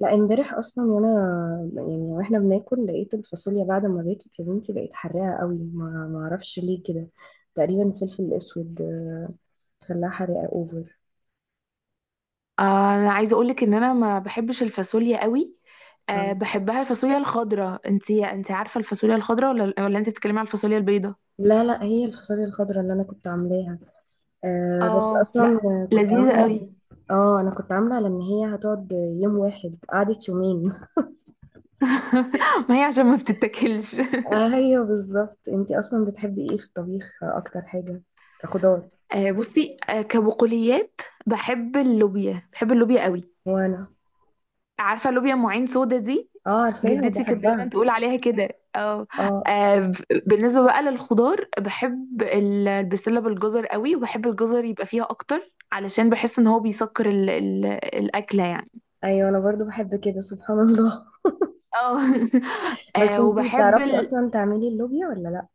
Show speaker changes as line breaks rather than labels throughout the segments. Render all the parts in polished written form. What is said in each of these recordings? لا، امبارح اصلا وانا يعني واحنا بناكل لقيت الفاصوليا بعد ما باكت. يا بنتي بقت حراقه قوي، ما اعرفش ليه، كده تقريبا فلفل اسود، خلاها حراقه اوفر.
آه، انا عايزه اقولك ان انا ما بحبش الفاصوليا قوي.
آه.
بحبها الفاصوليا الخضراء، انتي عارفه الفاصوليا الخضراء ولا انتي بتتكلمي على الفاصوليا البيضاء؟
لا لا، هي الفاصوليا الخضراء اللي انا كنت عاملاها. آه بس
اه،
اصلا
لا،
كنت
لذيذة
عامله
قوي.
كنت عامله على ان هي هتقعد يوم واحد، قعدت يومين.
ما هي عشان ما بتتاكلش.
آه ايوه بالظبط، انتي اصلا بتحبي ايه في الطبيخ اكتر حاجه؟ كخضار؟
آه، بصي، كبقوليات بحب اللوبيا، بحب اللوبيا قوي.
وانا.
عارفه لوبيا ام عين سودا دي؟
اه عارفاها
جدتي كانت
وبحبها.
دايما تقول عليها كده. اه.
اه
آه، بالنسبه بقى للخضار، بحب البسله بالجزر قوي، وبحب الجزر يبقى فيها اكتر علشان بحس ان هو بيسكر ال ال الاكله يعني.
ايوه، انا برضو بحب كده، سبحان الله.
اه.
بس
آه،
انتي
وبحب
بتعرفي اصلا
ال-
تعملي اللوبيا ولا لا؟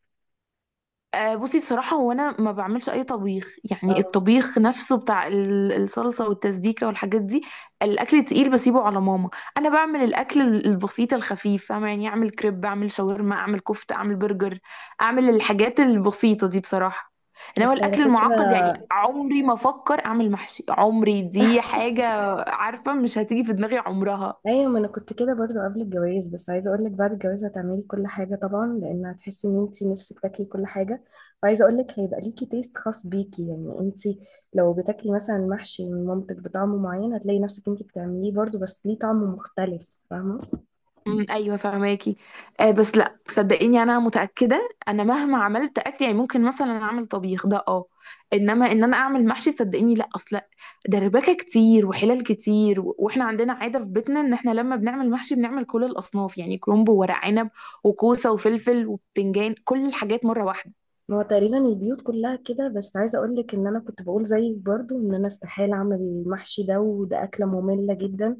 آه، بصي بصراحة هو أنا ما بعملش أي طبيخ، يعني
اه
الطبيخ نفسه بتاع الصلصة والتسبيكة والحاجات دي. الأكل تقيل بسيبه على ماما. أنا بعمل الأكل البسيط الخفيف، فاهمة؟ يعني أعمل كريب، أعمل شاورما، أعمل كفتة، أعمل برجر، أعمل الحاجات البسيطة دي بصراحة. إنما
بس على
الأكل
فكرة.
المعقد، يعني عمري ما أفكر أعمل محشي، عمري دي حاجة. عارفة مش هتيجي في دماغي عمرها.
ايوه، ما انا كنت كده برضو قبل الجواز، بس عايزة اقولك بعد الجواز هتعملي كل حاجة طبعا، لان هتحسي ان انتي نفسك تاكلي كل حاجة. وعايزة اقولك هيبقى ليكي تيست خاص بيكي، يعني انتي لو بتاكلي مثلا محشي من مامتك بطعم معين، هتلاقي نفسك انتي بتعمليه برضو بس ليه طعم مختلف، فاهمة؟
أمم، ايوه فهماكي. آه، بس لا صدقيني انا متاكده، انا مهما عملت اكل يعني ممكن مثلا اعمل طبيخ ده اه. انما ان انا اعمل محشي صدقيني لا اصلا. دربكه كتير وحلال كتير، واحنا عندنا عاده في بيتنا ان احنا لما بنعمل محشي بنعمل كل الاصناف، يعني كرنب وورق عنب وكوسه وفلفل وبتنجان، كل الحاجات مره واحده.
ما هو تقريبا البيوت كلها كده، بس عايزة اقولك ان انا كنت بقول زيك برضو ان انا استحالة اعمل المحشي ده، وده اكلة مملة جدا.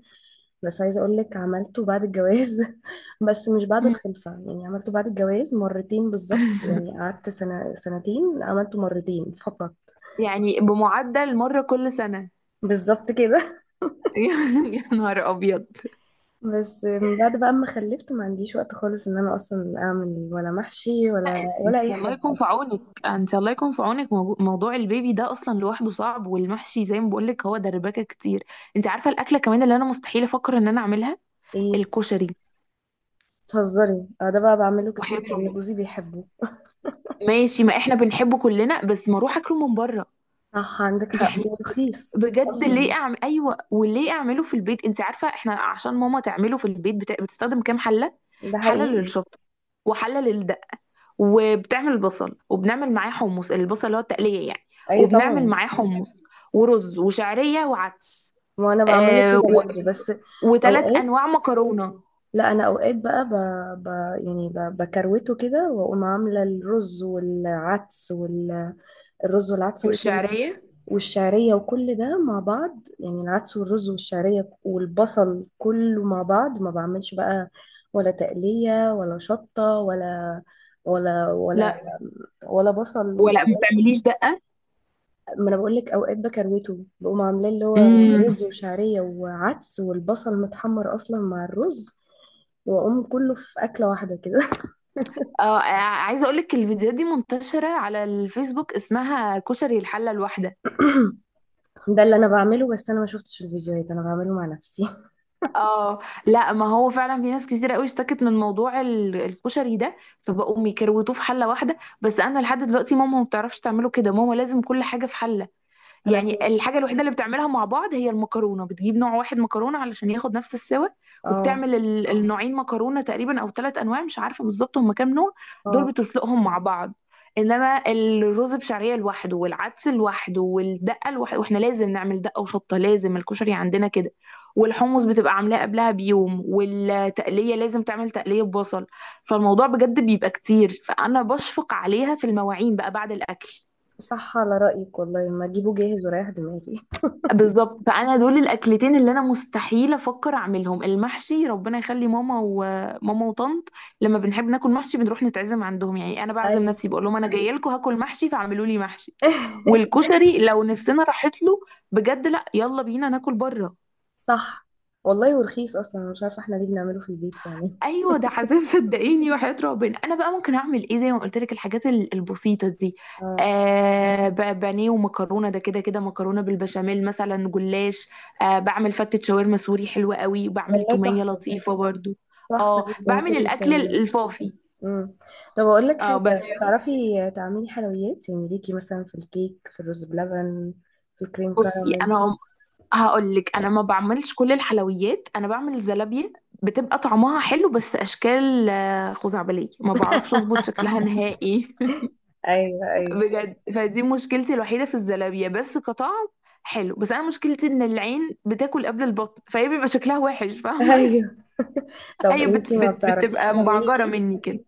بس عايزة أقولك عملته بعد الجواز. بس مش بعد
أمم.
الخلفة، يعني عملته بعد الجواز مرتين بالظبط، يعني قعدت سنة سنتين عملته مرتين فقط.
يعني بمعدل مره كل سنه.
بالظبط كده.
يا نهار ابيض.
بس من بعد بقى ما خلفت ما عنديش وقت خالص ان انا اصلا اعمل ولا محشي ولا
انت
ولا اي
الله
حاجة.
يكون في عونك. انت الله يكون في عونك، موضوع البيبي ده اصلا لوحده صعب، والمحشي زي ما بقولك هو دربكه كتير. انت عارفه الاكله كمان اللي انا مستحيل افكر ان انا اعملها؟
ايه؟
الكشري.
بتهزري؟ اه، ده بقى بعمله كتير
وحياة
لان
ربنا.
جوزي بيحبه.
ماشي، ما احنا بنحبه كلنا، بس ما اروح اكله من بره
صح، عندك حق،
يعني.
ورخيص
بجد ليه
اصلا.
اعمل، ايوه وليه اعمله في البيت؟ انت عارفه احنا عشان ماما تعمله في البيت بتستخدم كام حله.
ده
حله
حقيقي.
للشطه، وحله للدقه، وبتعمل البصل وبنعمل معاه حمص، البصل اللي هو التقلية يعني.
اي
وبنعمل
طبعا.
معاه حمص ورز وشعرية وعدس.
وانا بعمله
آه
كده
و...
برضه، بس
وثلاث
اوقات.
أنواع مكرونة
لا، انا اوقات بقى، ب... يعني بكروته كده، واقوم عامله الرز والعدس الرز والعدس وايه تاني؟
والشعرية.
والشعريه، وكل ده مع بعض، يعني العدس والرز والشعريه والبصل كله مع بعض، ما بعملش بقى ولا تقليه ولا شطه ولا ولا
لا،
ولا بصل.
ولا ما بتعمليش دقة.
ما انا بقول لك اوقات بكروته، بقوم عاملاه اللي هو
امم.
رز وشعريه وعدس والبصل متحمر اصلا مع الرز، واقوم كله في اكله واحده كده.
اه، عايزة اقول لك الفيديوهات دي منتشرة على الفيسبوك، اسمها كشري الحلة الواحدة.
ده اللي انا بعمله، بس انا ما شفتش الفيديوهات، انا بعمله مع نفسي.
اه، لا ما هو فعلا في ناس كتير قوي اشتكت من موضوع الكشري ده فبقوا يكروتوه في حلة واحدة، بس انا لحد دلوقتي ماما ما بتعرفش تعمله كده، ماما لازم كل حاجة في حلة.
انا
يعني
كنت.
الحاجة الوحيدة اللي بتعملها مع بعض هي المكرونة، بتجيب نوع واحد مكرونة علشان ياخد نفس السوا.
اه،
وبتعمل النوعين مكرونة تقريبا أو 3 أنواع، مش عارفة بالظبط هما كام نوع. دول
اه،
بتسلقهم مع بعض. انما الرز بشعريه لوحده والعدس لوحده والدقه لوحده، واحنا لازم نعمل دقه وشطه، لازم الكشري عندنا كده. والحمص بتبقى عاملاه قبلها بيوم، والتقليه لازم تعمل تقليه ببصل. فالموضوع بجد بيبقى كتير، فانا بشفق عليها في المواعين بقى بعد الاكل.
صح على رأيك، والله ما اجيبه جاهز ورايح دماغي.
بالظبط، فانا دول الاكلتين اللي انا مستحيل افكر اعملهم. المحشي ربنا يخلي ماما وماما وطنط، لما بنحب ناكل محشي بنروح نتعزم عندهم. يعني انا بعزم
ايوه.
نفسي، بقول لهم انا جايه لكم هاكل محشي فاعملوا لي محشي. والكشري لو نفسنا راحت له، بجد لا، يلا بينا ناكل بره.
صح والله، ورخيص اصلا، أنا مش عارفه احنا ليه بنعمله في البيت فعلا.
ايوه ده عذاب صدقيني. وحياة ربنا انا بقى ممكن اعمل ايه؟ زي ما قلت لك، الحاجات البسيطه دي.
اه،
آه، بانيه ومكرونه، ده كده كده، مكرونه بالبشاميل مثلا، جلاش. آه بعمل فتة شاورما سوري حلوه قوي، وبعمل
والله
توميه
تحفه،
لطيفه برضو.
تحفه
اه
جدا
بعمل
كل
الاكل
التمارين.
الفافي.
امم. طب اقول لك
اه
حاجه.
بس
بتعرفي تعملي حلويات؟ يعني ليكي مثلا في الكيك، في الرز بلبن، في الكريم
بصي،
كراميل.
انا هقول لك انا ما بعملش كل الحلويات، انا بعمل زلابيه بتبقى طعمها حلو بس اشكال، آه، خزعبليه، ما بعرفش اظبط شكلها نهائي.
ايوه ايوه.
بجد فدي مشكلتي الوحيدة في الزلابية، بس كطعم حلو، بس انا مشكلتي ان العين بتاكل قبل البطن فهي بيبقى شكلها وحش، فاهمة؟
ايوه. طب
ايوه، بت
انتي ما
بت
بتعرفيش
بتبقى
تعملي
مبعجرة
كيك؟
مني كده.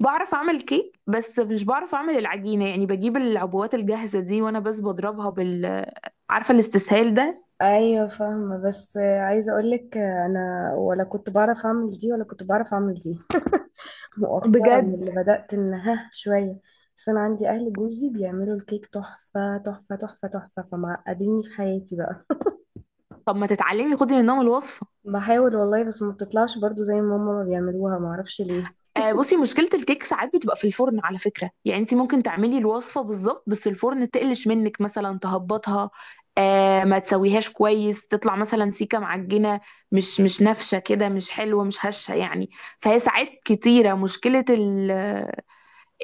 بعرف اعمل كيك بس مش بعرف اعمل العجينة، يعني بجيب العبوات الجاهزة دي وانا بس بضربها بال، عارفة الاستسهال ده.
ايوه فاهمه، بس عايزه اقولك انا ولا كنت بعرف اعمل دي ولا كنت بعرف اعمل دي. مؤخرا
بجد.
اللي بدات ان ها شويه. بس انا عندي اهل جوزي بيعملوا الكيك تحفه تحفه تحفه تحفه، فمعقديني في حياتي بقى.
طب ما تتعلمي، خدي منهم الوصفة.
بحاول والله، بس ما بتطلعش برضو زي ما ماما ما بيعملوها، ما اعرفش ليه.
آه بصي مشكلة الكيك ساعات بتبقى في الفرن على فكرة، يعني انت ممكن تعملي الوصفة بالظبط بس الفرن تقلش منك مثلا تهبطها. آه ما تسويهاش كويس تطلع مثلا سيكة معجنة، مش مش نافشة كده، مش حلوة مش هشة يعني. فهي ساعات كتيرة مشكلة ال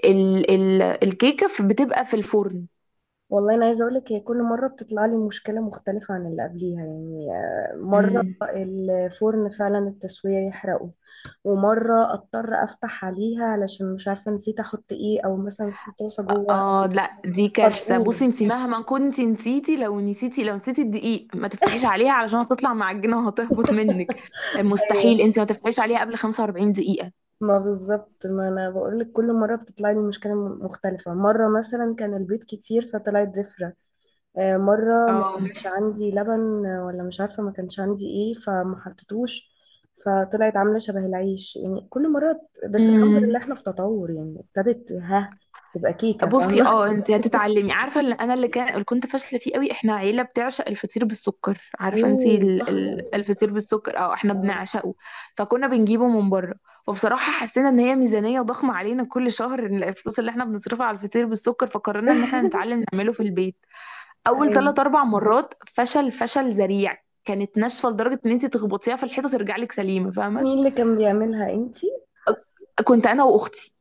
ال ال الكيكة بتبقى في الفرن.
والله انا عايزه اقولك هي كل مره بتطلع لي مشكله مختلفه عن اللي قبليها، يعني مره
مم.
الفرن فعلا التسويه يحرقه. ومره اضطر افتح عليها علشان مش عارفه نسيت احط ايه، او مثلا في طاسه جوه
اه لا دي كارثه. بصي
فتبوظ.
انت مهما كنت نسيتي، لو نسيتي، لو نسيتي الدقيق ما تفتحيش عليها علشان هتطلع معجنه وهتهبط منك. مستحيل
ايوه،
انت ما تفتحيش عليها قبل 45 دقيقه.
ما بالظبط، ما انا بقولك كل مره بتطلع لي مشكله مختلفه. مره مثلا كان البيض كتير فطلعت زفره. مرة ما
اه.
كانش عندي لبن، ولا مش عارفة ما كانش عندي ايه فما حطيتوش. فطلعت عاملة شبه العيش، يعني كل مرة. بس الحمد
امم.
لله احنا في تطور، يعني ابتدت ها تبقى كيكة،
بصي،
فاهمة؟
اه انت هتتعلمي. عارفه اللي انا، اللي كان، اللي كنت فاشله فيه قوي، احنا عيله بتعشق الفطير بالسكر. عارفه انت
اوه تحفة.
الفطير بالسكر، اه احنا
اه.
بنعشقه. فكنا بنجيبه من بره، وبصراحه حسينا ان هي ميزانيه ضخمه علينا كل شهر، إن الفلوس اللي احنا بنصرفها على الفطير بالسكر، فقررنا ان احنا نتعلم نعمله في البيت. اول
أيوة.
ثلاث اربع مرات فشل، فشل ذريع. كانت ناشفه لدرجه ان انت تخبطيها في الحيطه ترجع لك سليمه،
مين
فاهمه؟
اللي كان بيعملها؟ انتي؟
كنت انا واختي،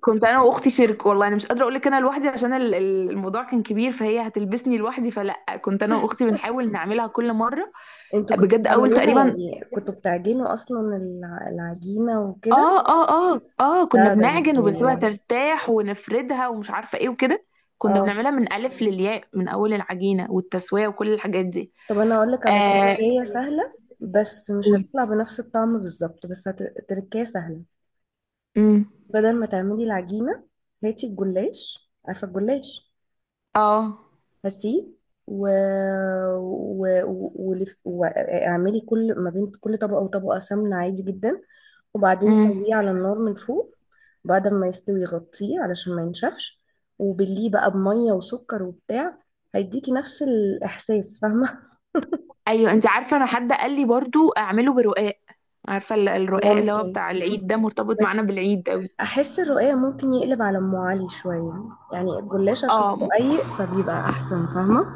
كنت انا واختي شرك والله، انا مش قادره اقول لك انا لوحدي عشان الموضوع كان كبير فهي هتلبسني لوحدي، فلا كنت انا واختي بنحاول نعملها كل مره.
انتوا كنتوا
بجد اول
بتعملوها؟
تقريبا،
يعني كنتوا بتعجنوا اصلا العجينة وكده؟
اه كنا
لا، ده
بنعجن وبنسيبها
انتوا.
ترتاح ونفردها ومش عارفه ايه وكده. كنا
اه،
بنعملها من الف للياء، من اول العجينه والتسويه وكل الحاجات دي.
طب انا اقول لك على
اه
تركية سهلة، بس مش
قولي.
هتطلع بنفس الطعم بالظبط، بس تركية سهلة.
امم.
بدل ما تعملي العجينة، هاتي الجلاش، عارفة الجلاش؟
اه.
هاتيه، و... واعملي كل ما بين كل طبقة وطبقة سمنة عادي جدا. وبعدين
امم.
سويه على النار من فوق. بعد ما يستوي غطيه علشان ما ينشفش. وبليه بقى بمية وسكر وبتاع. هيديكي نفس الإحساس، فاهمة؟
ايوه. انت عارفه انا حد قال لي برضو اعمله برقاق، عارفه الرقاق اللي هو
ممكن،
بتاع العيد، ده مرتبط معانا
بس
بالعيد قوي.
احس الرقاق ممكن يقلب على ام علي شويه، يعني الجلاش عشان
اه
رقيق فبيبقى احسن، فاهمه؟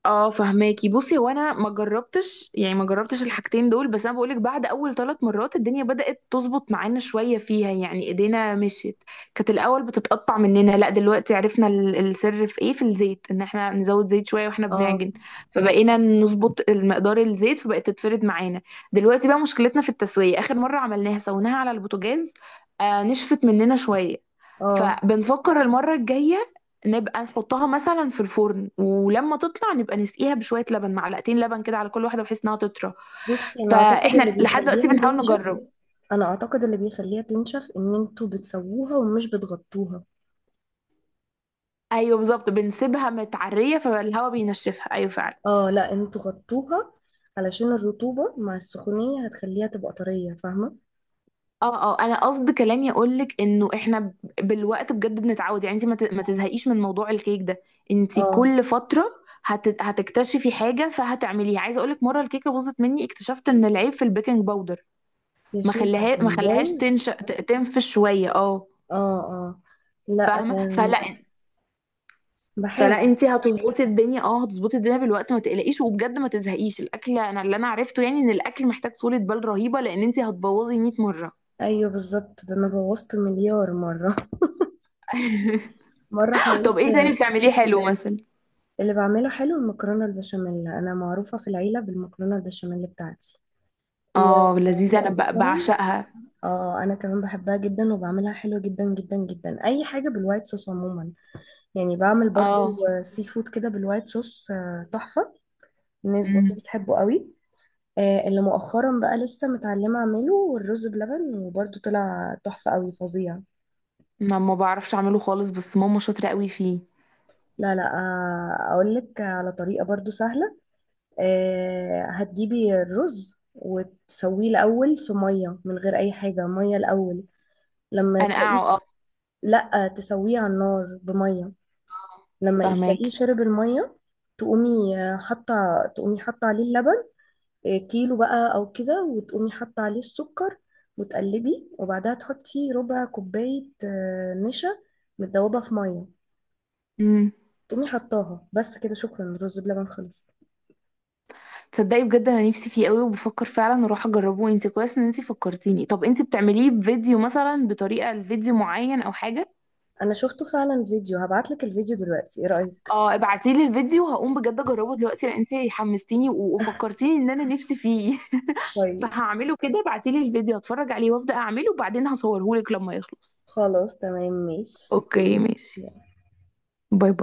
اه فهماكي. بصي هو انا ما جربتش، يعني ما جربتش الحاجتين دول، بس انا بقولك بعد اول 3 مرات الدنيا بدأت تظبط معانا شوية فيها، يعني ايدينا مشيت. كانت الاول بتتقطع مننا، لا دلوقتي عرفنا السر في ايه، في الزيت، ان احنا نزود زيت شوية واحنا
اه
بنعجن. فبقينا نظبط المقدار الزيت فبقت تتفرد معانا. دلوقتي بقى مشكلتنا في التسوية، اخر مرة عملناها سويناها على البوتاجاز. آه نشفت مننا شوية،
اه،
فبنفكر المرة الجاية نبقى نحطها مثلا في الفرن، ولما تطلع نبقى نسقيها بشوية لبن، معلقتين لبن كده على كل واحدة بحيث انها تطرى.
بصي
فاحنا لحد دلوقتي بنحاول نجرب.
انا اعتقد اللي بيخليها تنشف ان انتوا بتسووها ومش بتغطوها.
ايوه بالظبط، بنسيبها متعرية فالهواء بينشفها، ايوه فعلا.
اه لا، انتوا غطوها علشان الرطوبه مع السخونيه هتخليها تبقى طريه، فاهمه؟
اه اه، انا قصد كلامي اقول لك انه احنا بالوقت بجد بنتعود، يعني انت ما تزهقيش من موضوع الكيك ده. انت
اه،
كل فتره هتكتشفي حاجه فهتعمليها. عايزه اقول لك مره الكيكه باظت مني، اكتشفت ان العيب في البيكنج باودر،
يا
ما
شيخه
خليها، ما
كان
خليهاش
بايظ.
تنشا، تنفش شويه، اه
اه اه لا،
فاهمه. فلا،
بحاول.
فلا انت هتظبطي الدنيا، اه هتظبطي الدنيا بالوقت، ما تقلقيش، وبجد ما تزهقيش الاكل، انا اللي انا عرفته يعني ان الاكل محتاج طولة بال رهيبه، لان انت هتبوظي 100 مره.
ايوه بالظبط، ده انا بوظت مليار مره. مره
طب
حاولت.
ايه تاني بتعمليه حلو مثلا؟
اللي بعمله حلو المكرونة البشاميل، أنا معروفة في العيلة بالمكرونة البشاميل بتاعتي.
اه لذيذه انا
ومؤخرا.
بعشقها.
اه، أنا كمان بحبها جدا وبعملها حلو جدا جدا جدا، أي حاجة بالوايت صوص عموما. يعني بعمل برضو
اه.
سي فود كده بالوايت صوص، تحفة. الناس برضو
امم.
بتحبه قوي. اللي مؤخرا بقى لسه متعلمة أعمله والرز بلبن، وبرضو طلع تحفة قوي فظيع.
انا ما بعرفش اعمله خالص بس ماما شاطره قوي فيه.
لا لا، أقولك على طريقة برضو سهلة. هتجيبي الرز وتسويه الأول في مية من غير أي حاجة، مية الأول. لما
انا
تلاقيه، لأ تسويه على النار بمية. لما تلاقيه
فهماكي.
شرب المية، تقومي حاطة عليه اللبن. كيلو بقى أو كده، وتقومي حاطة عليه السكر. وتقلبي، وبعدها تحطي ربع كوباية نشا متدوبة في مية.
امم.
تقومي حطاها، بس كده، شكرا، الرز بلبن خلص.
تصدقي بجد انا نفسي فيه قوي، وبفكر فعلا اروح اجربه، انت كويس ان انت فكرتيني. طب انت بتعمليه بفيديو مثلا، بطريقه لفيديو معين او حاجه؟
أنا شفته فعلا فيديو، هبعتلك الفيديو دلوقتي، إيه رأيك؟
اه ابعتيلي الفيديو هقوم بجد اجربه دلوقتي، لان انت حمستيني وفكرتيني ان انا نفسي فيه.
طيب،
فهعمله كده، ابعتيلي الفيديو هتفرج عليه وابدا اعمله، وبعدين هصورهولك لما يخلص.
خلاص تمام ماشي.
اوكي ماشي. باي باي.